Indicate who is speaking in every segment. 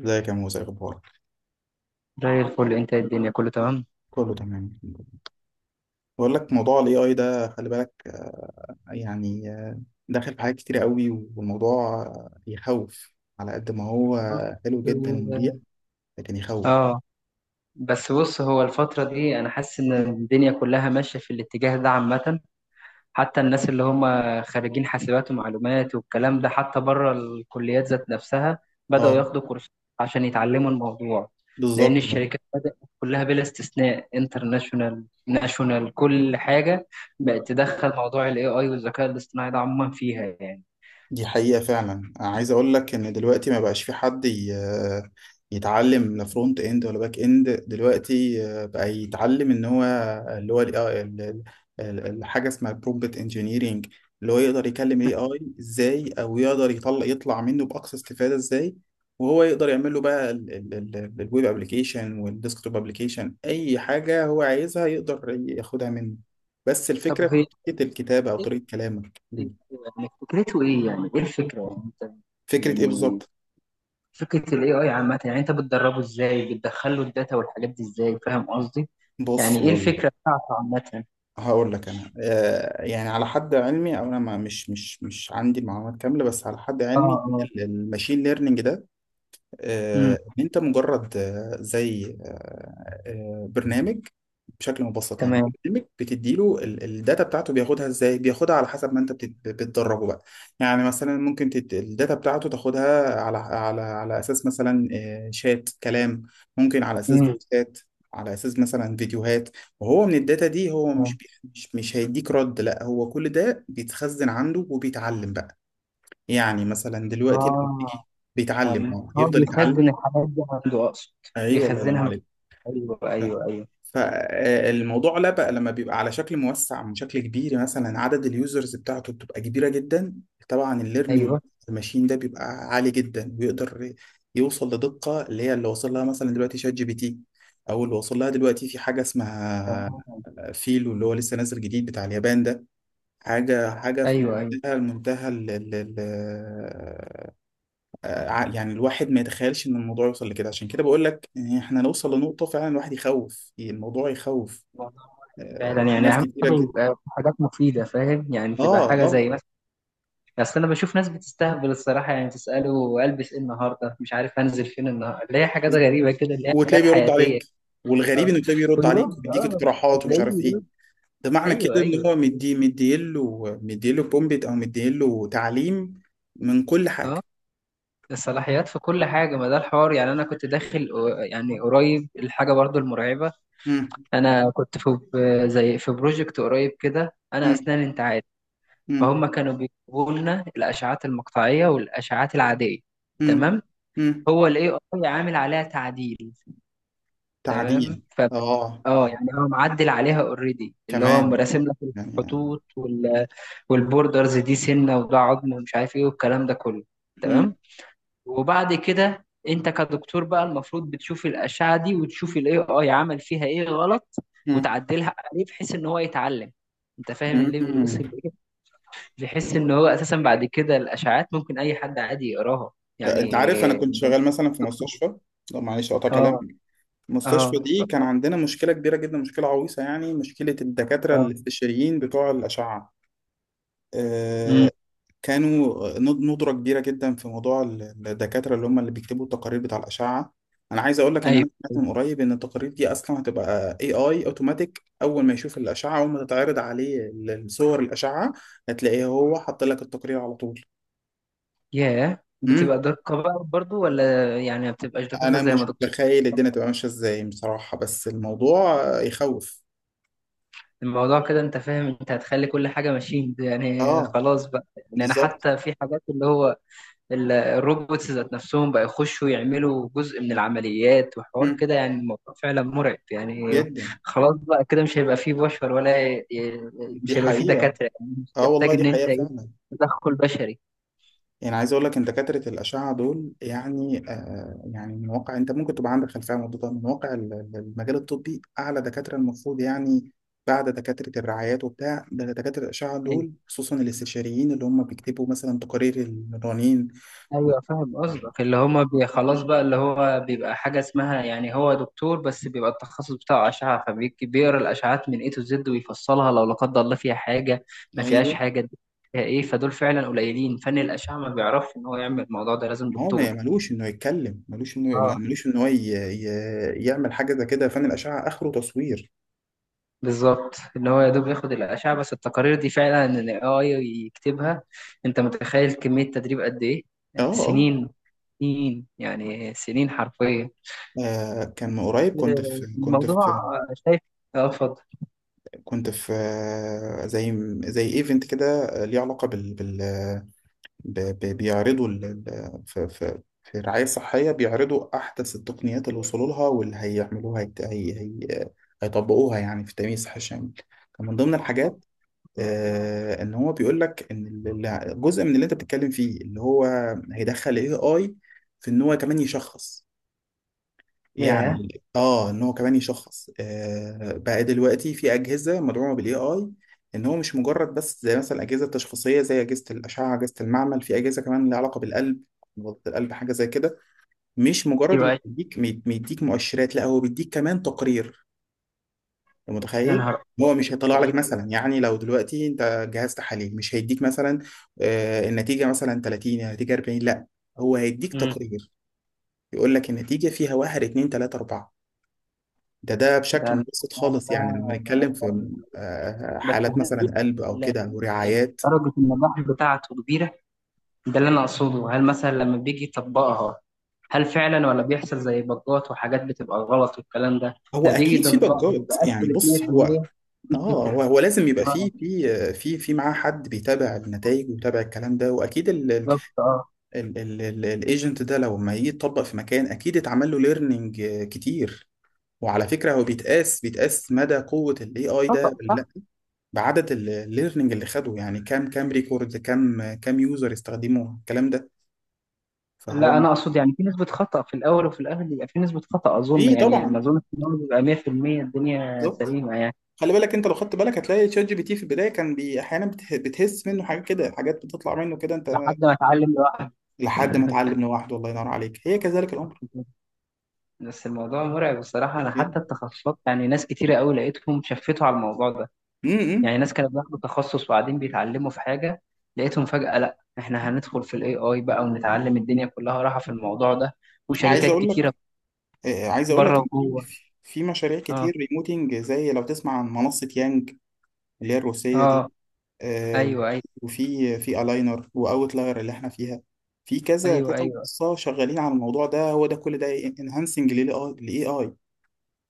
Speaker 1: ازيك يا موسى، إيه اخبارك؟
Speaker 2: زي الفل. انت إيه الدنيا كله تمام؟
Speaker 1: كله تمام، الحمد لله. بقول لك موضوع الاي اي ده، خلي بالك. يعني داخل في حاجات كتير قوي، والموضوع يخوف. على قد ما هو
Speaker 2: بص،
Speaker 1: حلو جدا ومريح،
Speaker 2: ال-
Speaker 1: لكن يخوف.
Speaker 2: اه بس بص، هو الفترة دي انا حاسس ان الدنيا كلها ماشية في الاتجاه ده عامة. حتى الناس اللي هم خريجين حاسبات ومعلومات والكلام ده، حتى بره الكليات ذات نفسها، بدأوا
Speaker 1: اه،
Speaker 2: ياخدوا كورسات عشان يتعلموا الموضوع. لأن
Speaker 1: بالظبط،
Speaker 2: الشركات بدأت كلها بلا استثناء، انترناشونال ناشونال كل حاجة، بقت تدخل موضوع ال AI والذكاء الاصطناعي ده عموما فيها يعني.
Speaker 1: دي حقيقة فعلا. أنا عايز أقول لك إن دلوقتي ما بقاش في حد يتعلم لا فرونت إند ولا باك إند. دلوقتي بقى يتعلم إن هو اللي هو ال آه، ال- ال- ال- الحاجة اسمها برومبت إنجينيرينج، اللي هو يقدر يكلم ال AI إزاي، أو يقدر يطلع منه بأقصى استفادة إزاي. وهو يقدر يعمل له بقى الويب أبلكيشن والديسكتوب أبلكيشن، أي حاجة هو عايزها يقدر ياخدها منه. بس
Speaker 2: طب
Speaker 1: الفكرة في
Speaker 2: هي
Speaker 1: طريقة الكتابة أو طريقة كلامك.
Speaker 2: يعني فكرته ايه؟ يعني ايه الفكره يعني انت؟
Speaker 1: فكرة إيه
Speaker 2: يعني
Speaker 1: بالظبط؟
Speaker 2: فكره الاي اي عامه، يعني انت بتدربه ازاي؟ بتدخله الداتا والحاجات دي ازاي؟ فاهم قصدي؟ يعني
Speaker 1: بص
Speaker 2: ايه
Speaker 1: هقول لك.
Speaker 2: الفكره بتاعته عامه؟
Speaker 1: انا يعني على حد علمي، او انا ما مش مش مش عندي معلومات كامله، بس على حد
Speaker 2: اه،
Speaker 1: علمي
Speaker 2: اه.
Speaker 1: الماشين ليرنينج ده،
Speaker 2: امم.
Speaker 1: ان انت مجرد زي برنامج، بشكل مبسط. يعني
Speaker 2: تمام.
Speaker 1: برنامج بتديله الداتا بتاعته، بياخدها ازاي؟ بياخدها على حسب ما انت بتدربه بقى. يعني مثلا ممكن الداتا بتاعته تاخدها على اساس مثلا، شات كلام، ممكن على اساس
Speaker 2: امم.
Speaker 1: فويسات، على اساس مثلا فيديوهات. وهو من الداتا دي هو مش
Speaker 2: اه.
Speaker 1: بي... مش مش هيديك رد، لا هو كل ده بيتخزن عنده وبيتعلم بقى. يعني مثلا دلوقتي لما
Speaker 2: آه،
Speaker 1: تيجي بيتعلم،
Speaker 2: تمام.
Speaker 1: اه
Speaker 2: هو
Speaker 1: يفضل يتعلم.
Speaker 2: بيخزن الحاجات دي عنده اقصد،
Speaker 1: ايوه الله ينعم
Speaker 2: بيخزنها مع...
Speaker 1: عليك.
Speaker 2: ايوه، ايوه، ايوه.
Speaker 1: فالموضوع لا بقى لما بيبقى على شكل موسع، من شكل كبير، مثلا عدد اليوزرز بتاعته بتبقى كبيره جدا، طبعا الليرنينج
Speaker 2: ايوه.
Speaker 1: الماشين ده بيبقى عالي جدا، ويقدر يوصل لدقه اللي هي اللي وصل لها مثلا دلوقتي شات جي بي تي، او اللي وصل لها دلوقتي في حاجه اسمها
Speaker 2: تمام.
Speaker 1: فيلو، اللي هو لسه نازل جديد بتاع اليابان ده. حاجه حاجه في
Speaker 2: ايوه، ايوه.
Speaker 1: منتهى منتهى ال- يعني الواحد ما يتخيلش ان الموضوع يوصل لكده. عشان كده بقول لك إن احنا نوصل لنقطة فعلا الواحد يخوف، الموضوع يخوف.
Speaker 2: فعلا.
Speaker 1: في
Speaker 2: يعني
Speaker 1: ناس
Speaker 2: اهم
Speaker 1: كتيرة
Speaker 2: حاجه
Speaker 1: جدا.
Speaker 2: يبقى حاجات مفيده، فاهم يعني؟
Speaker 1: اه،
Speaker 2: تبقى حاجه
Speaker 1: اه،
Speaker 2: زي، اصل انا بشوف ناس بتستهبل الصراحه، يعني تساله البس ايه النهارده، مش عارف هنزل فين النهارده، اللي هي حاجات غريبه كده، اللي هي
Speaker 1: وتلاقيه
Speaker 2: حاجات
Speaker 1: بيرد
Speaker 2: حياتيه.
Speaker 1: عليك. والغريب
Speaker 2: اه.
Speaker 1: انه تلاقيه بيرد
Speaker 2: ويرد
Speaker 1: عليك، وبيديك
Speaker 2: اه.
Speaker 1: اقتراحات ومش
Speaker 2: بتلاقيه
Speaker 1: عارف ايه.
Speaker 2: بيرد.
Speaker 1: ده معنى
Speaker 2: ايوه،
Speaker 1: كده ان هو
Speaker 2: ايوه.
Speaker 1: مديله بومبيت او مديله تعليم من كل
Speaker 2: اه.
Speaker 1: حاجة.
Speaker 2: الصلاحيات في كل حاجه، ما ده الحوار. يعني انا كنت داخل، آه، يعني قريب الحاجه برضو المرعبه.
Speaker 1: مم.
Speaker 2: انا كنت في ب- زي في بروجكت قريب كده، انا
Speaker 1: مم.
Speaker 2: اسنان انت عارف،
Speaker 1: مم.
Speaker 2: فهم كانوا بيجيبوا لنا الاشعات المقطعيه والاشعات العاديه.
Speaker 1: مم.
Speaker 2: تمام.
Speaker 1: مم.
Speaker 2: هو الاي اي عامل عليها تعديل. تمام.
Speaker 1: تعديل. اه،
Speaker 2: اه، يعني هو معدل عليها اوريدي، اللي هو
Speaker 1: كمان
Speaker 2: مراسم لك
Speaker 1: يعني.
Speaker 2: الخطوط والبوردرز، دي سنه وده عظم ومش عارف ايه والكلام ده كله.
Speaker 1: مم.
Speaker 2: تمام. وبعد كده انت كدكتور بقى المفروض بتشوف الاشعه دي وتشوف الاي اي عمل فيها ايه غلط،
Speaker 1: مم.
Speaker 2: وتعدلها عليه بحيث ان هو يتعلم. انت فاهم الليفل وصل
Speaker 1: مم.
Speaker 2: لايه؟ بحيث ان هو اساسا بعد كده الاشعات ممكن اي حد عادي يقراها يعني.
Speaker 1: انت عارف انا كنت شغال
Speaker 2: مش
Speaker 1: مثلا
Speaker 2: محتاج
Speaker 1: في
Speaker 2: دكتور.
Speaker 1: مستشفى. لا معلش، اقطع كلام.
Speaker 2: اه، اه،
Speaker 1: المستشفى دي كان عندنا مشكله كبيره جدا، مشكله عويصه يعني، مشكله الدكاتره
Speaker 2: اه.
Speaker 1: الاستشاريين بتوع الاشعه. آه،
Speaker 2: امم.
Speaker 1: كانوا ندره كبيره جدا في موضوع الدكاتره اللي هم اللي بيكتبوا التقارير بتاع الاشعه. انا عايز اقول لك ان انا
Speaker 2: ايوه.
Speaker 1: سمعت من قريب ان التقارير دي اصلا هتبقى اي اي اوتوماتيك. اول ما يشوف الاشعه، اول ما تتعرض عليه الصور الاشعه، هتلاقيه هو حط لك التقرير على طول.
Speaker 2: ياه، بتبقى دقة بقى برضو ولا يعني ما بتبقاش دقيقة
Speaker 1: انا
Speaker 2: زي ما
Speaker 1: مش
Speaker 2: دكتور؟
Speaker 1: متخيل الدنيا تبقى ماشيه ازاي بصراحه، بس الموضوع يخوف.
Speaker 2: الموضوع كده، انت فاهم، انت هتخلي كل حاجة ماشين، يعني
Speaker 1: اه،
Speaker 2: خلاص بقى. يعني انا
Speaker 1: بالظبط.
Speaker 2: حتى في حاجات اللي هو الروبوتس ذات نفسهم بقى يخشوا يعملوا جزء من العمليات وحوار
Speaker 1: مم.
Speaker 2: كده، يعني الموضوع فعلا مرعب يعني.
Speaker 1: جدا.
Speaker 2: خلاص بقى كده مش هيبقى فيه بشر
Speaker 1: دي
Speaker 2: مش هيبقى فيه
Speaker 1: حقيقه.
Speaker 2: دكاترة، يعني مش
Speaker 1: اه والله،
Speaker 2: تحتاج
Speaker 1: دي
Speaker 2: ان انت
Speaker 1: حقيقه
Speaker 2: ايه،
Speaker 1: فعلا.
Speaker 2: تدخل بشري.
Speaker 1: يعني عايز اقول لك ان دكاتره الاشعه دول، يعني يعني من واقع انت ممكن تبقى عندك خلفيه عن الموضوع ده، من واقع المجال الطبي اعلى دكاتره، المفروض يعني بعد دكاتره الرعايات وبتاع ده دكاتره الاشعه دول، خصوصا الاستشاريين اللي هم بيكتبوا مثلا تقارير المرانين. و...
Speaker 2: ايوه فاهم قصدك، اللي هما بي خلاص بقى، اللي هو بيبقى حاجه اسمها، يعني هو دكتور بس بيبقى التخصص بتاعه اشعه، فبيقرا الاشعات من اي تو زد ويفصلها لو لا قدر الله فيها حاجه، ما فيهاش
Speaker 1: ايوه.
Speaker 2: حاجه، دي فيها ايه. فدول فعلا قليلين. فن الاشعه ما بيعرفش ان هو يعمل الموضوع ده، لازم
Speaker 1: ما هو
Speaker 2: دكتور.
Speaker 1: ملوش انه يتكلم،
Speaker 2: اه
Speaker 1: ملوش ان هو يعمل حاجه زي كده. فن الاشعه اخره تصوير.
Speaker 2: بالظبط، ان هو يا دوب ياخد الاشعه، بس التقارير دي فعلا ان الاي اي يكتبها. انت متخيل كميه تدريب قد ايه؟
Speaker 1: اه، اه.
Speaker 2: سنين. سنين يعني، سنين حرفيا.
Speaker 1: كان من قريب
Speaker 2: الموضوع. شايف. اه، اتفضل.
Speaker 1: كنت في زي ايفنت كده، ليه علاقه بيعرضوا في الرعايه الصحيه، بيعرضوا احدث التقنيات اللي وصلوا لها، واللي هيعملوها هي... هي... هي... هيطبقوها يعني في التأمين الصحي الشامل. كان من ضمن الحاجات ان هو بيقول لك ان جزء من اللي انت بتتكلم فيه اللي هو هيدخل اي اي، في ان هو كمان يشخص.
Speaker 2: ياه.
Speaker 1: يعني ان هو كمان يشخص. بقى دلوقتي في اجهزه مدعومه بالاي اي، ان هو مش مجرد بس زي مثلا الاجهزه التشخيصيه، زي اجهزه الاشعه، اجهزه المعمل، في اجهزه كمان لها علاقه بالقلب، نبضة القلب، حاجه زي كده. مش مجرد
Speaker 2: ايوه.
Speaker 1: انه
Speaker 2: أيوة.
Speaker 1: بيديك مؤشرات، لا هو بيديك كمان تقرير. أنت
Speaker 2: يا
Speaker 1: متخيل؟
Speaker 2: نهار أبيض.
Speaker 1: هو مش هيطلع
Speaker 2: ده ايه
Speaker 1: لك
Speaker 2: ده؟
Speaker 1: مثلا، يعني لو دلوقتي انت جهاز تحاليل مش هيديك مثلا النتيجه مثلا 30، النتيجه 40، لا، هو هيديك
Speaker 2: مم.
Speaker 1: تقرير يقول لك النتيجه فيها 1 2 3 4. ده بشكل
Speaker 2: ده
Speaker 1: مبسط خالص، يعني لما
Speaker 2: الموضوع
Speaker 1: نتكلم في
Speaker 2: ده. بس
Speaker 1: حالات
Speaker 2: هل
Speaker 1: مثلا قلب او
Speaker 2: ال-
Speaker 1: كده او رعايات.
Speaker 2: درجة النجاح بتاعته كبيرة؟ ده اللي أنا أقصده، هل مثلا لما بيجي يطبقها، هل فعلا ولا بيحصل زي بجات وحاجات بتبقى غلط والكلام ده؟
Speaker 1: هو
Speaker 2: ده بيجي
Speaker 1: اكيد في
Speaker 2: يطبقها
Speaker 1: بجات،
Speaker 2: ويبقى
Speaker 1: يعني
Speaker 2: أكيوريت
Speaker 1: بص هو.
Speaker 2: 100%، دي
Speaker 1: اه، هو
Speaker 2: الفكرة.
Speaker 1: هو لازم يبقى في
Speaker 2: اه
Speaker 1: في آه، في في معاه حد بيتابع النتائج ويتابع الكلام ده، واكيد
Speaker 2: بالظبط اه.
Speaker 1: الايجنت ده لو ما يجي يتطبق في مكان اكيد اتعمل له ليرنينج كتير. وعلى فكره، هو بيتقاس مدى قوه الاي اي ده ولا
Speaker 2: خطأ.
Speaker 1: لا بعدد الليرنينج اللي خده، يعني كام كام ريكورد، كام كام يوزر استخدموا الكلام ده. فهو
Speaker 2: لا انا اقصد يعني في نسبه خطا، في الاول وفي الاخر بيبقى في نسبه خطا اظن،
Speaker 1: في
Speaker 2: يعني ما
Speaker 1: طبعا.
Speaker 2: اظن ان هو بيبقى 100%، الدنيا
Speaker 1: بالظبط.
Speaker 2: سليمه يعني.
Speaker 1: خلي بالك، انت لو خدت بالك هتلاقي شات جي بي تي في البدايه كان بتهس منه حاجات كده، حاجات بتطلع منه كده انت،
Speaker 2: لحد ما اتعلم لوحدي.
Speaker 1: لحد ما اتعلم لوحده. الله ينور عليك، هي كذلك الامر.
Speaker 2: بس الموضوع مرعب الصراحه، انا حتى
Speaker 1: جدا.
Speaker 2: التخصصات يعني ناس كتيره قوي لقيتهم شفتوا على الموضوع ده.
Speaker 1: امم،
Speaker 2: يعني
Speaker 1: إمم.
Speaker 2: ناس كانت بياخدوا تخصص وبعدين بيتعلموا في حاجه، لقيتهم فجاه لا احنا هندخل في الاي اي بقى ونتعلم، الدنيا كلها راحه في الموضوع ده،
Speaker 1: عايز
Speaker 2: وشركات
Speaker 1: اقول
Speaker 2: كتيره
Speaker 1: لك، عايز اقول
Speaker 2: بره
Speaker 1: لك ان
Speaker 2: وجوه.
Speaker 1: في مشاريع
Speaker 2: اه،
Speaker 1: كتير ريموتنج، زي لو تسمع عن منصة يانج اللي هي الروسية دي.
Speaker 2: اه.
Speaker 1: آه،
Speaker 2: ايوه، ايوه.
Speaker 1: وفي في الاينر واوتلاير اللي احنا فيها. في كذا
Speaker 2: ايوه.
Speaker 1: كذا
Speaker 2: ايوه،
Speaker 1: منصة شغالين على الموضوع ده، هو ده كل ده انهانسنج للاي اي.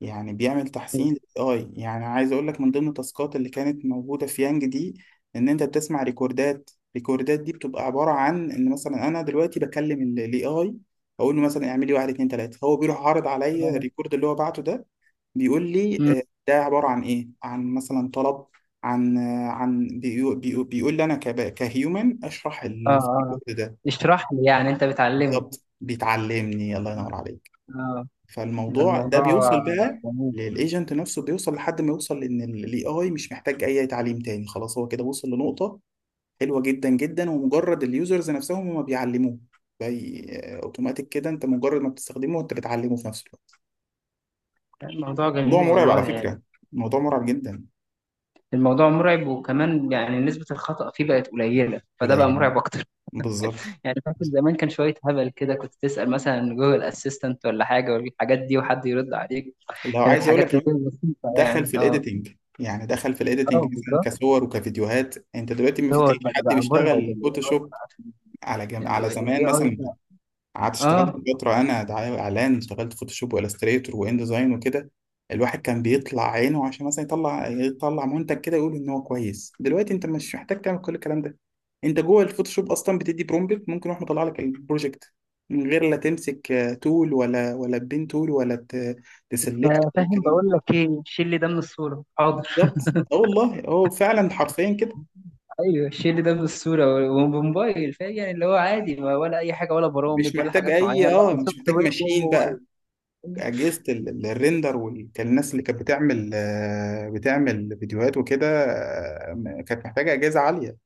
Speaker 1: يعني بيعمل تحسين للاي. يعني عايز اقول لك، من ضمن التاسكات اللي كانت موجوده في يانج دي، ان انت بتسمع ريكوردات. ريكوردات دي بتبقى عباره عن ان مثلا انا دلوقتي بكلم الاي اي، اقول له مثلا اعمل لي واحد اتنين تلاته، هو بيروح عارض عليا الريكورد اللي هو بعته ده، بيقول لي
Speaker 2: أيوة.
Speaker 1: ده عباره عن ايه، عن مثلا طلب، عن آه، عن بيقو- بيقو- بيقول لي انا كهيومن اشرح
Speaker 2: اه،
Speaker 1: اللي في
Speaker 2: اه.
Speaker 1: الريكورد ده.
Speaker 2: اشرح لي يعني انت بتعلمني.
Speaker 1: بالظبط بيتعلمني، الله ينور عليك.
Speaker 2: اه. ده
Speaker 1: فالموضوع ده
Speaker 2: الموضوع
Speaker 1: بيوصل بقى
Speaker 2: جميل.
Speaker 1: للايجنت نفسه، بيوصل لحد ما يوصل ان الاي اي مش محتاج اي تعليم تاني، خلاص هو كده وصل لنقطة حلوة جدا جدا، ومجرد اليوزرز نفسهم هما بيعلموه، زي اوتوماتيك كده، انت مجرد ما بتستخدمه انت بتعلمه في نفس الوقت.
Speaker 2: الموضوع
Speaker 1: موضوع
Speaker 2: جميل
Speaker 1: مرعب على
Speaker 2: والله يعني.
Speaker 1: فكرة، موضوع مرعب جدا.
Speaker 2: الموضوع مرعب، وكمان يعني نسبة الخطأ فيه بقت قليلة، فده بقى
Speaker 1: قليل.
Speaker 2: مرعب أكتر.
Speaker 1: بالظبط.
Speaker 2: يعني فاكر زمان كان شوية هبل كده، كنت تسأل مثلا جوجل أسيستنت ولا حاجة والحاجات دي وحد يرد عليك،
Speaker 1: لو
Speaker 2: كانت
Speaker 1: عايز اقول لك
Speaker 2: حاجات اللي
Speaker 1: كمان،
Speaker 2: هي بسيطة
Speaker 1: دخل
Speaker 2: يعني.
Speaker 1: في
Speaker 2: اه،
Speaker 1: الايديتنج. يعني دخل في الايديتنج
Speaker 2: اه
Speaker 1: مثلا
Speaker 2: بالظبط.
Speaker 1: كصور وكفيديوهات. انت دلوقتي ما في
Speaker 2: هو
Speaker 1: تلاقي
Speaker 2: بقى
Speaker 1: حد
Speaker 2: بقى مرعب
Speaker 1: بيشتغل
Speaker 2: ال AI
Speaker 1: فوتوشوب.
Speaker 2: بقى في ال
Speaker 1: على زمان
Speaker 2: AI
Speaker 1: مثلا
Speaker 2: بقى.
Speaker 1: قعدت اشتغلت
Speaker 2: اه
Speaker 1: فترة أنا دعاية وإعلان، اشتغلت فوتوشوب وإلستريتور وإن ديزاين وكده. الواحد كان بيطلع عينه عشان مثلا يطلع منتج كده يقول إن هو كويس. دلوقتي أنت مش محتاج تعمل كل الكلام ده. أنت جوه الفوتوشوب أصلا بتدي برومبت ممكن يروح مطلع لك البروجكت من غير لا تمسك تول ولا بين تول تسلكت ولا
Speaker 2: فاهم،
Speaker 1: الكلام ده.
Speaker 2: بقول لك ايه، شيل لي ده من الصورة، حاضر.
Speaker 1: بالظبط، اه والله، هو فعلا حرفيا كده.
Speaker 2: ايوه الشيل ده بالصوره وبموبايل، فاهم يعني، اللي هو عادي ولا اي حاجه ولا برامج ولا حاجات معينه، لا ده
Speaker 1: مش
Speaker 2: سوفت
Speaker 1: محتاج
Speaker 2: وير جوه
Speaker 1: ماشين.
Speaker 2: الموبايل.
Speaker 1: اجهزه ال- الريندر، والناس اللي كانت بتعمل بتعمل فيديوهات وكده، كانت محتاجه اجهزه عاليه.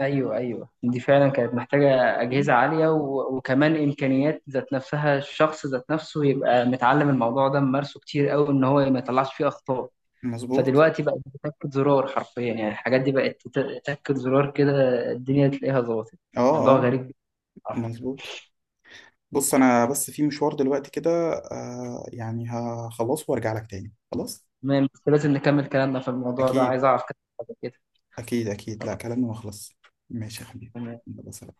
Speaker 2: ايوه ايوه، دي فعلا كانت محتاجه اجهزه
Speaker 1: مم.
Speaker 2: عاليه، وكمان امكانيات، ذات نفسها الشخص ذات نفسه يبقى متعلم الموضوع ده ممارسه كتير قوي ان هو ما يطلعش فيه اخطاء.
Speaker 1: مظبوط.
Speaker 2: فدلوقتي بقت بتاكد زرار حرفيا، يعني الحاجات دي بقت تاكد زرار كده، الدنيا تلاقيها ظبطت. موضوع
Speaker 1: اه، اه،
Speaker 2: غريب بصراحة.
Speaker 1: مظبوط. بص انا بس في مشوار دلوقتي كده، يعني هخلصه وارجع لك تاني خلاص.
Speaker 2: تمام بس لازم نكمل كلامنا في الموضوع ده، عايز
Speaker 1: اكيد.
Speaker 2: اعرف كده حاجة كده.
Speaker 1: اكيد اكيد، لا كلامي ما خلص. ماشي يا حبيبي.
Speaker 2: تمام.
Speaker 1: يلا، سلام.